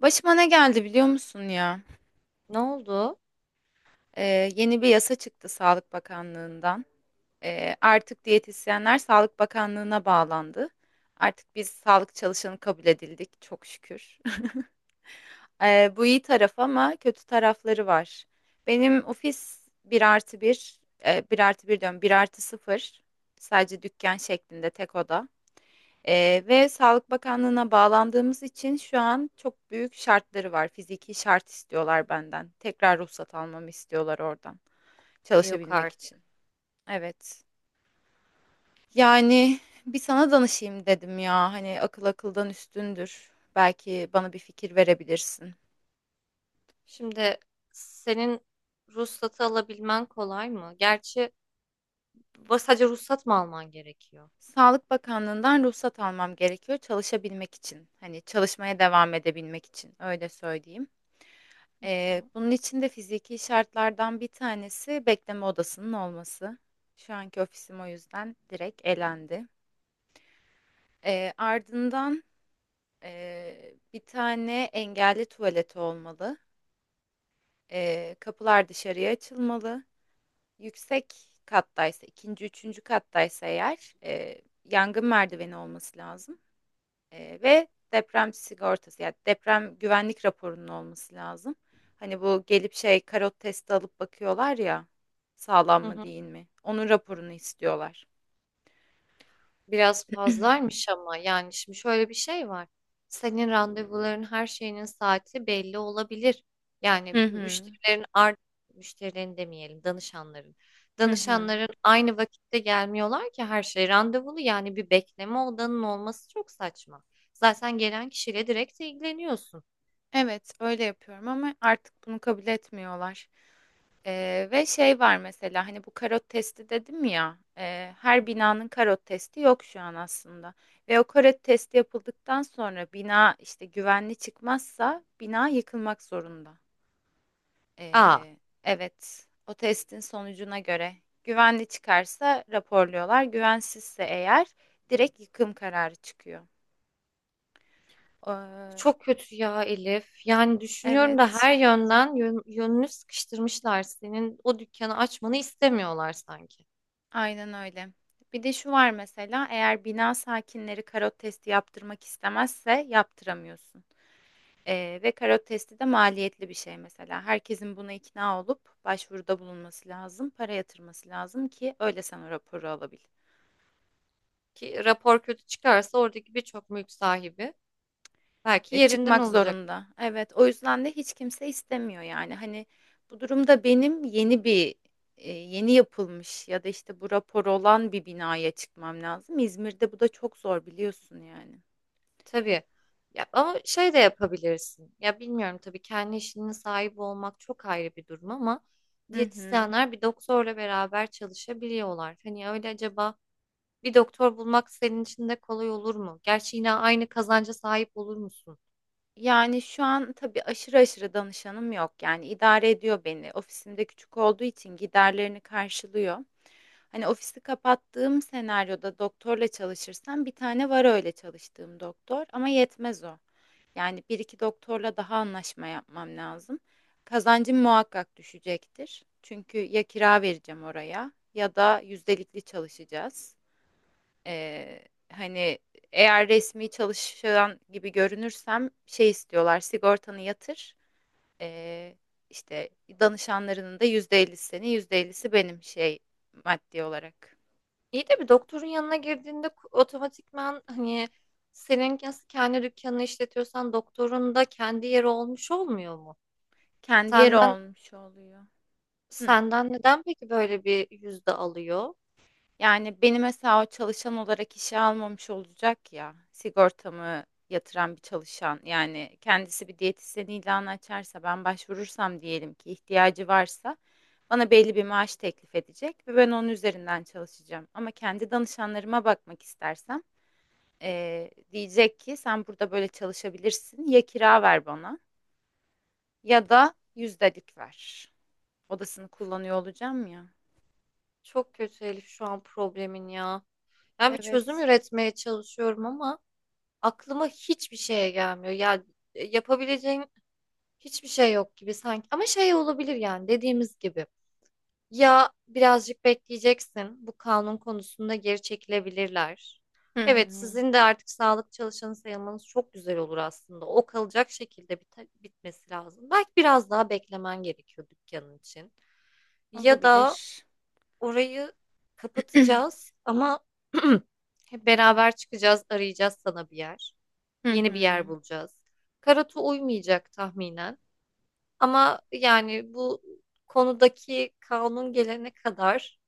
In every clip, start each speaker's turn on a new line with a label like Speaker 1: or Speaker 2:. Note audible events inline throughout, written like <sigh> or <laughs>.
Speaker 1: Başıma ne geldi biliyor musun ya?
Speaker 2: Ne oldu?
Speaker 1: Ee, Yeni bir yasa çıktı Sağlık Bakanlığı'ndan. Artık diyetisyenler Sağlık Bakanlığı'na bağlandı. Artık biz sağlık çalışanı kabul edildik, çok şükür. <laughs> Bu iyi taraf ama kötü tarafları var. Benim ofis bir artı 1, bir artı bir diyorum, bir artı sıfır, sadece dükkan şeklinde tek oda. Ve Sağlık Bakanlığı'na bağlandığımız için şu an çok büyük şartları var. Fiziki şart istiyorlar benden. Tekrar ruhsat almamı istiyorlar oradan
Speaker 2: Yok
Speaker 1: çalışabilmek
Speaker 2: artık.
Speaker 1: için. Evet. Yani bir sana danışayım dedim ya. Hani akıl akıldan üstündür. Belki bana bir fikir verebilirsin.
Speaker 2: Şimdi senin ruhsatı alabilmen kolay mı? Gerçi sadece ruhsat mı alman gerekiyor?
Speaker 1: Sağlık Bakanlığı'ndan ruhsat almam gerekiyor çalışabilmek için. Hani çalışmaya devam edebilmek için öyle söyleyeyim.
Speaker 2: Hı hı.
Speaker 1: Bunun için de fiziki şartlardan bir tanesi bekleme odasının olması. Şu anki ofisim o yüzden direkt elendi. Ardından bir tane engelli tuvaleti olmalı. Kapılar dışarıya açılmalı. Yüksek kattaysa, ikinci, üçüncü kattaysa eğer yangın merdiveni olması lazım. Ve deprem sigortası, yani deprem güvenlik raporunun olması lazım. Hani bu gelip şey karot testi alıp bakıyorlar ya, sağlam
Speaker 2: Hı
Speaker 1: mı
Speaker 2: hı.
Speaker 1: değil mi? Onun raporunu istiyorlar.
Speaker 2: Biraz
Speaker 1: <clears throat>
Speaker 2: fazlaymış ama yani şimdi şöyle bir şey var. Senin randevuların her şeyinin saati belli olabilir. Yani
Speaker 1: Hı hı.
Speaker 2: müşterilerin demeyelim, danışanların.
Speaker 1: Hı hı.
Speaker 2: Danışanların aynı vakitte gelmiyorlar ki, her şey randevulu, yani bir bekleme odanın olması çok saçma. Zaten gelen kişiyle direkt ilgileniyorsun.
Speaker 1: Evet, öyle yapıyorum ama artık bunu kabul etmiyorlar. Ve şey var mesela, hani bu karot testi dedim ya, her
Speaker 2: Hı hı.
Speaker 1: binanın karot testi yok şu an aslında. Ve o karot testi yapıldıktan sonra bina işte güvenli çıkmazsa bina yıkılmak zorunda.
Speaker 2: Aa,
Speaker 1: Ee, evet, o testin sonucuna göre güvenli çıkarsa raporluyorlar, güvensizse eğer direkt yıkım kararı çıkıyor. Ee,
Speaker 2: çok kötü ya Elif. Yani düşünüyorum da
Speaker 1: evet,
Speaker 2: her yönden yönünü sıkıştırmışlar. Senin o dükkanı açmanı istemiyorlar sanki.
Speaker 1: aynen öyle. Bir de şu var mesela, eğer bina sakinleri karot testi yaptırmak istemezse yaptıramıyorsun. Ve karot testi de maliyetli bir şey mesela. Herkesin buna ikna olup başvuruda bulunması lazım, para yatırması lazım ki öyle sen o raporu alabil.
Speaker 2: Ki rapor kötü çıkarsa oradaki birçok mülk sahibi belki
Speaker 1: E,
Speaker 2: yerinden
Speaker 1: çıkmak
Speaker 2: olacak.
Speaker 1: zorunda. Evet, o yüzden de hiç kimse istemiyor yani. Hani bu durumda benim yeni bir, yeni yapılmış ya da işte bu rapor olan bir binaya çıkmam lazım. İzmir'de bu da çok zor biliyorsun yani.
Speaker 2: Tabii. Ya, ama şey de yapabilirsin. Ya bilmiyorum tabii, kendi işinin sahibi olmak çok ayrı bir durum ama
Speaker 1: Hı hı.
Speaker 2: diyetisyenler bir doktorla beraber çalışabiliyorlar. Hani öyle acaba bir doktor bulmak senin için de kolay olur mu? Gerçi yine aynı kazanca sahip olur musun?
Speaker 1: Yani şu an tabii aşırı aşırı danışanım yok. Yani idare ediyor beni. Ofisimde küçük olduğu için giderlerini karşılıyor. Hani ofisi kapattığım senaryoda doktorla çalışırsam, bir tane var öyle çalıştığım doktor ama yetmez o. Yani bir iki doktorla daha anlaşma yapmam lazım. Kazancım muhakkak düşecektir. Çünkü ya kira vereceğim oraya ya da yüzdelikli çalışacağız. Hani eğer resmi çalışan gibi görünürsem şey istiyorlar, sigortanı yatır. Ee, işte danışanlarının da %50'si senin, %50'si benim, şey, maddi olarak.
Speaker 2: İyi de bir doktorun yanına girdiğinde otomatikman hani senin nasıl kendi dükkanını işletiyorsan doktorun da kendi yeri olmuş olmuyor mu?
Speaker 1: Kendi yeri
Speaker 2: Senden
Speaker 1: olmuş oluyor. Hı.
Speaker 2: senden neden peki böyle bir yüzde alıyor?
Speaker 1: Yani beni mesela o çalışan olarak işe almamış olacak ya, sigortamı yatıran bir çalışan yani. Kendisi bir diyetisyen ilanı açarsa, ben başvurursam diyelim ki ihtiyacı varsa, bana belli bir maaş teklif edecek ve ben onun üzerinden çalışacağım. Ama kendi danışanlarıma bakmak istersem diyecek ki sen burada böyle çalışabilirsin, ya kira ver bana ya da yüzdelik ver. Odasını kullanıyor olacağım ya.
Speaker 2: Çok kötü Elif şu an problemin ya. Ben bir çözüm
Speaker 1: Evet.
Speaker 2: üretmeye çalışıyorum ama aklıma hiçbir şeye gelmiyor. Ya, yapabileceğin hiçbir şey yok gibi sanki. Ama şey olabilir, yani dediğimiz gibi. Ya, birazcık bekleyeceksin. Bu kanun konusunda geri çekilebilirler.
Speaker 1: Hı hı.
Speaker 2: Evet, sizin de artık sağlık çalışanı sayılmanız çok güzel olur aslında. O kalacak şekilde bitmesi lazım. Belki biraz daha beklemen gerekiyor dükkanın için. Ya da
Speaker 1: Olabilir.
Speaker 2: orayı kapatacağız ama <clears throat> hep beraber çıkacağız, arayacağız sana bir yer.
Speaker 1: Hı
Speaker 2: Yeni
Speaker 1: hı.
Speaker 2: bir yer bulacağız. Karatu uymayacak tahminen. Ama yani bu konudaki kanun gelene kadar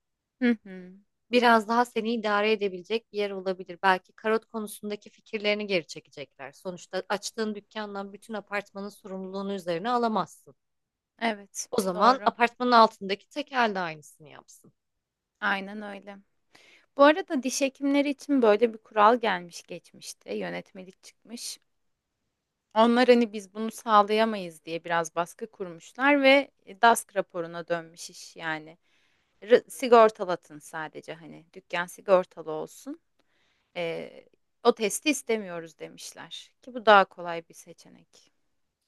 Speaker 1: Hı hı.
Speaker 2: biraz daha seni idare edebilecek bir yer olabilir. Belki karot konusundaki fikirlerini geri çekecekler. Sonuçta açtığın dükkandan bütün apartmanın sorumluluğunu üzerine alamazsın.
Speaker 1: Evet,
Speaker 2: O zaman
Speaker 1: doğru.
Speaker 2: apartmanın altındaki tekel de aynısını yapsın.
Speaker 1: Aynen öyle. Bu arada diş hekimleri için böyle bir kural gelmiş geçmişte, yönetmelik çıkmış. Onlar hani biz bunu sağlayamayız diye biraz baskı kurmuşlar ve DASK raporuna dönmüş iş yani. R- sigortalatın sadece, hani dükkan sigortalı olsun. Ee, O testi istemiyoruz demişler ki bu daha kolay bir seçenek.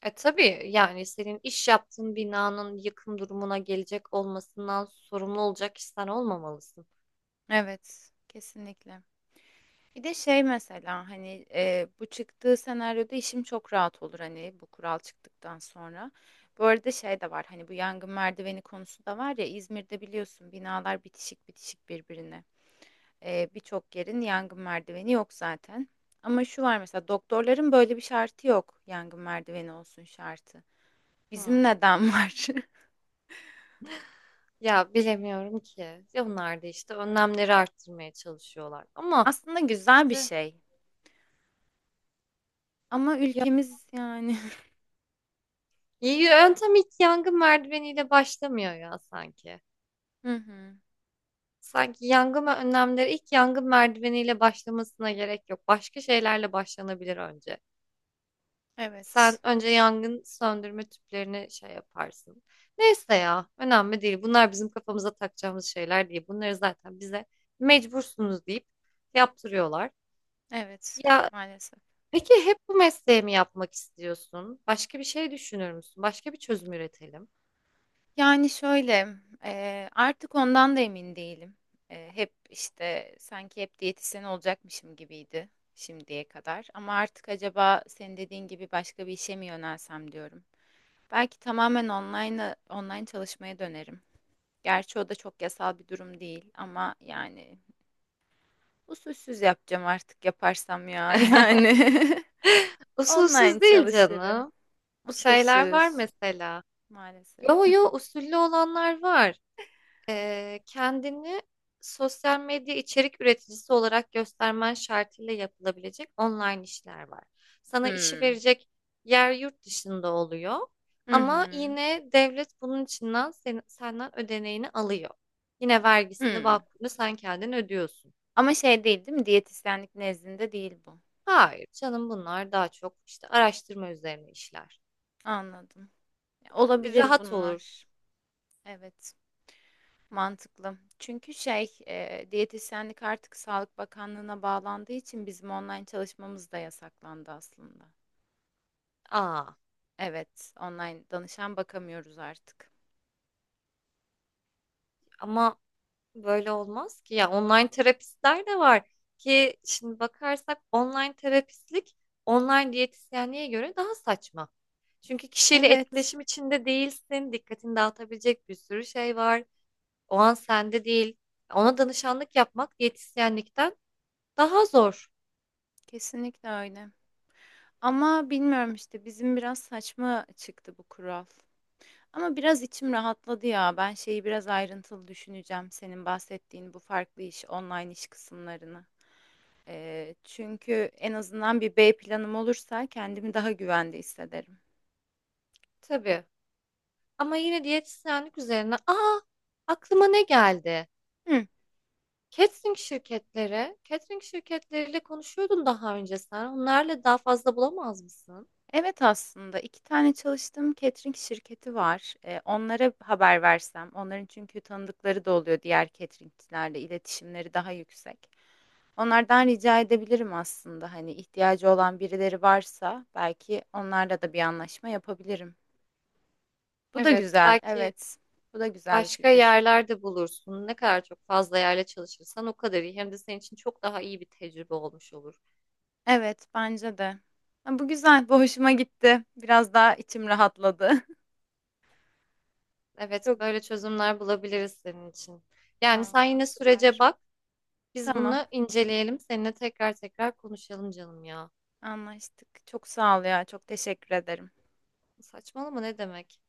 Speaker 2: E tabii, yani senin iş yaptığın binanın yıkım durumuna gelecek olmasından sorumlu olacak kişi olmamalısın.
Speaker 1: Evet, kesinlikle. Bir de şey mesela, hani bu çıktığı senaryoda işim çok rahat olur, hani bu kural çıktıktan sonra. Bu arada şey de var, hani bu yangın merdiveni konusu da var ya, İzmir'de biliyorsun binalar bitişik bitişik birbirine. E, birçok yerin yangın merdiveni yok zaten. Ama şu var mesela, doktorların böyle bir şartı yok, yangın merdiveni olsun şartı. Bizim
Speaker 2: Hmm.
Speaker 1: neden var?
Speaker 2: Ya bilemiyorum ki. Ya, onlar da işte önlemleri arttırmaya çalışıyorlar.
Speaker 1: <laughs>
Speaker 2: Ama
Speaker 1: Aslında güzel bir
Speaker 2: işte
Speaker 1: şey ama
Speaker 2: ya,
Speaker 1: ülkemiz yani.
Speaker 2: yöntem ilk yangın merdiveniyle başlamıyor ya sanki.
Speaker 1: <laughs> Hı hı.
Speaker 2: Sanki yangın önlemleri ilk yangın merdiveniyle başlamasına gerek yok. Başka şeylerle başlanabilir önce. Sen
Speaker 1: Evet.
Speaker 2: önce yangın söndürme tüplerini şey yaparsın. Neyse ya, önemli değil. Bunlar bizim kafamıza takacağımız şeyler değil. Bunları zaten bize mecbursunuz deyip yaptırıyorlar.
Speaker 1: Evet.
Speaker 2: Ya
Speaker 1: Maalesef.
Speaker 2: peki, hep bu mesleği mi yapmak istiyorsun? Başka bir şey düşünür müsün? Başka bir çözüm üretelim.
Speaker 1: Yani şöyle, artık ondan da emin değilim. Hep işte sanki hep diyetisyen olacakmışım gibiydi şimdiye kadar. Ama artık acaba senin dediğin gibi başka bir işe mi yönelsem diyorum. Belki tamamen online çalışmaya dönerim. Gerçi o da çok yasal bir durum değil ama yani usulsüz yapacağım artık, yaparsam ya <laughs> yani. Online
Speaker 2: Usulsüz değil
Speaker 1: çalışırım.
Speaker 2: canım. Şeyler var
Speaker 1: Usulsüz
Speaker 2: mesela.
Speaker 1: maalesef.
Speaker 2: Yo yo,
Speaker 1: <laughs>
Speaker 2: usullü olanlar var. Kendini sosyal medya içerik üreticisi olarak göstermen şartıyla yapılabilecek online işler var. Sana işi
Speaker 1: Hmm.
Speaker 2: verecek yer yurt dışında oluyor
Speaker 1: Hı hı.
Speaker 2: ama yine devlet bunun içinden senden ödeneğini alıyor. Yine vergisini,
Speaker 1: Hmm.
Speaker 2: bakımını sen kendin ödüyorsun.
Speaker 1: Ama şey değil, değil mi? Diyetisyenlik nezdinde değil bu.
Speaker 2: Hayır canım, bunlar daha çok işte araştırma üzerine işler.
Speaker 1: Anladım.
Speaker 2: Yani
Speaker 1: Olabilir
Speaker 2: rahat olur.
Speaker 1: bunlar. Evet, mantıklı. Çünkü şey, diyetisyenlik artık Sağlık Bakanlığı'na bağlandığı için bizim online çalışmamız da yasaklandı aslında.
Speaker 2: Aa,
Speaker 1: Evet, online danışan bakamıyoruz artık.
Speaker 2: ama böyle olmaz ki. Ya, online terapistler de var ki, şimdi bakarsak online terapistlik online diyetisyenliğe göre daha saçma. Çünkü kişiyle
Speaker 1: Evet,
Speaker 2: etkileşim içinde değilsin. Dikkatini dağıtabilecek bir sürü şey var. O an sende değil. Ona danışanlık yapmak diyetisyenlikten daha zor
Speaker 1: kesinlikle öyle. Ama bilmiyorum işte, bizim biraz saçma çıktı bu kural. Ama biraz içim rahatladı ya. Ben şeyi biraz ayrıntılı düşüneceğim, senin bahsettiğin bu farklı iş, online iş kısımlarını. Çünkü en azından bir B planım olursa kendimi daha güvende hissederim.
Speaker 2: tabii. Ama yine diyetisyenlik üzerine, aa, aklıma ne geldi?
Speaker 1: Hı,
Speaker 2: Catering şirketleri, catering şirketleriyle konuşuyordun daha önce sen. Onlarla daha fazla bulamaz mısın?
Speaker 1: evet, aslında iki tane çalıştığım catering şirketi var. Onlara haber versem, onların çünkü tanıdıkları da oluyor, diğer cateringçilerle iletişimleri daha yüksek. Onlardan rica edebilirim aslında. Hani ihtiyacı olan birileri varsa belki onlarla da bir anlaşma yapabilirim. Bu da
Speaker 2: Evet,
Speaker 1: güzel.
Speaker 2: belki
Speaker 1: Evet. Bu da güzel bir
Speaker 2: başka
Speaker 1: fikir.
Speaker 2: yerlerde bulursun. Ne kadar çok fazla yerle çalışırsan o kadar iyi. Hem de senin için çok daha iyi bir tecrübe olmuş olur.
Speaker 1: Evet, bence de. Ha, bu güzel. Bu hoşuma gitti. Biraz daha içim rahatladı. <laughs>
Speaker 2: Evet,
Speaker 1: Çok,
Speaker 2: böyle çözümler bulabiliriz senin için. Yani sen
Speaker 1: vallahi,
Speaker 2: yine sürece
Speaker 1: süper.
Speaker 2: bak. Biz
Speaker 1: Tamam.
Speaker 2: bunu inceleyelim. Seninle tekrar konuşalım canım ya.
Speaker 1: Anlaştık. Çok sağ ol ya. Çok teşekkür ederim.
Speaker 2: Saçmalama, ne demek?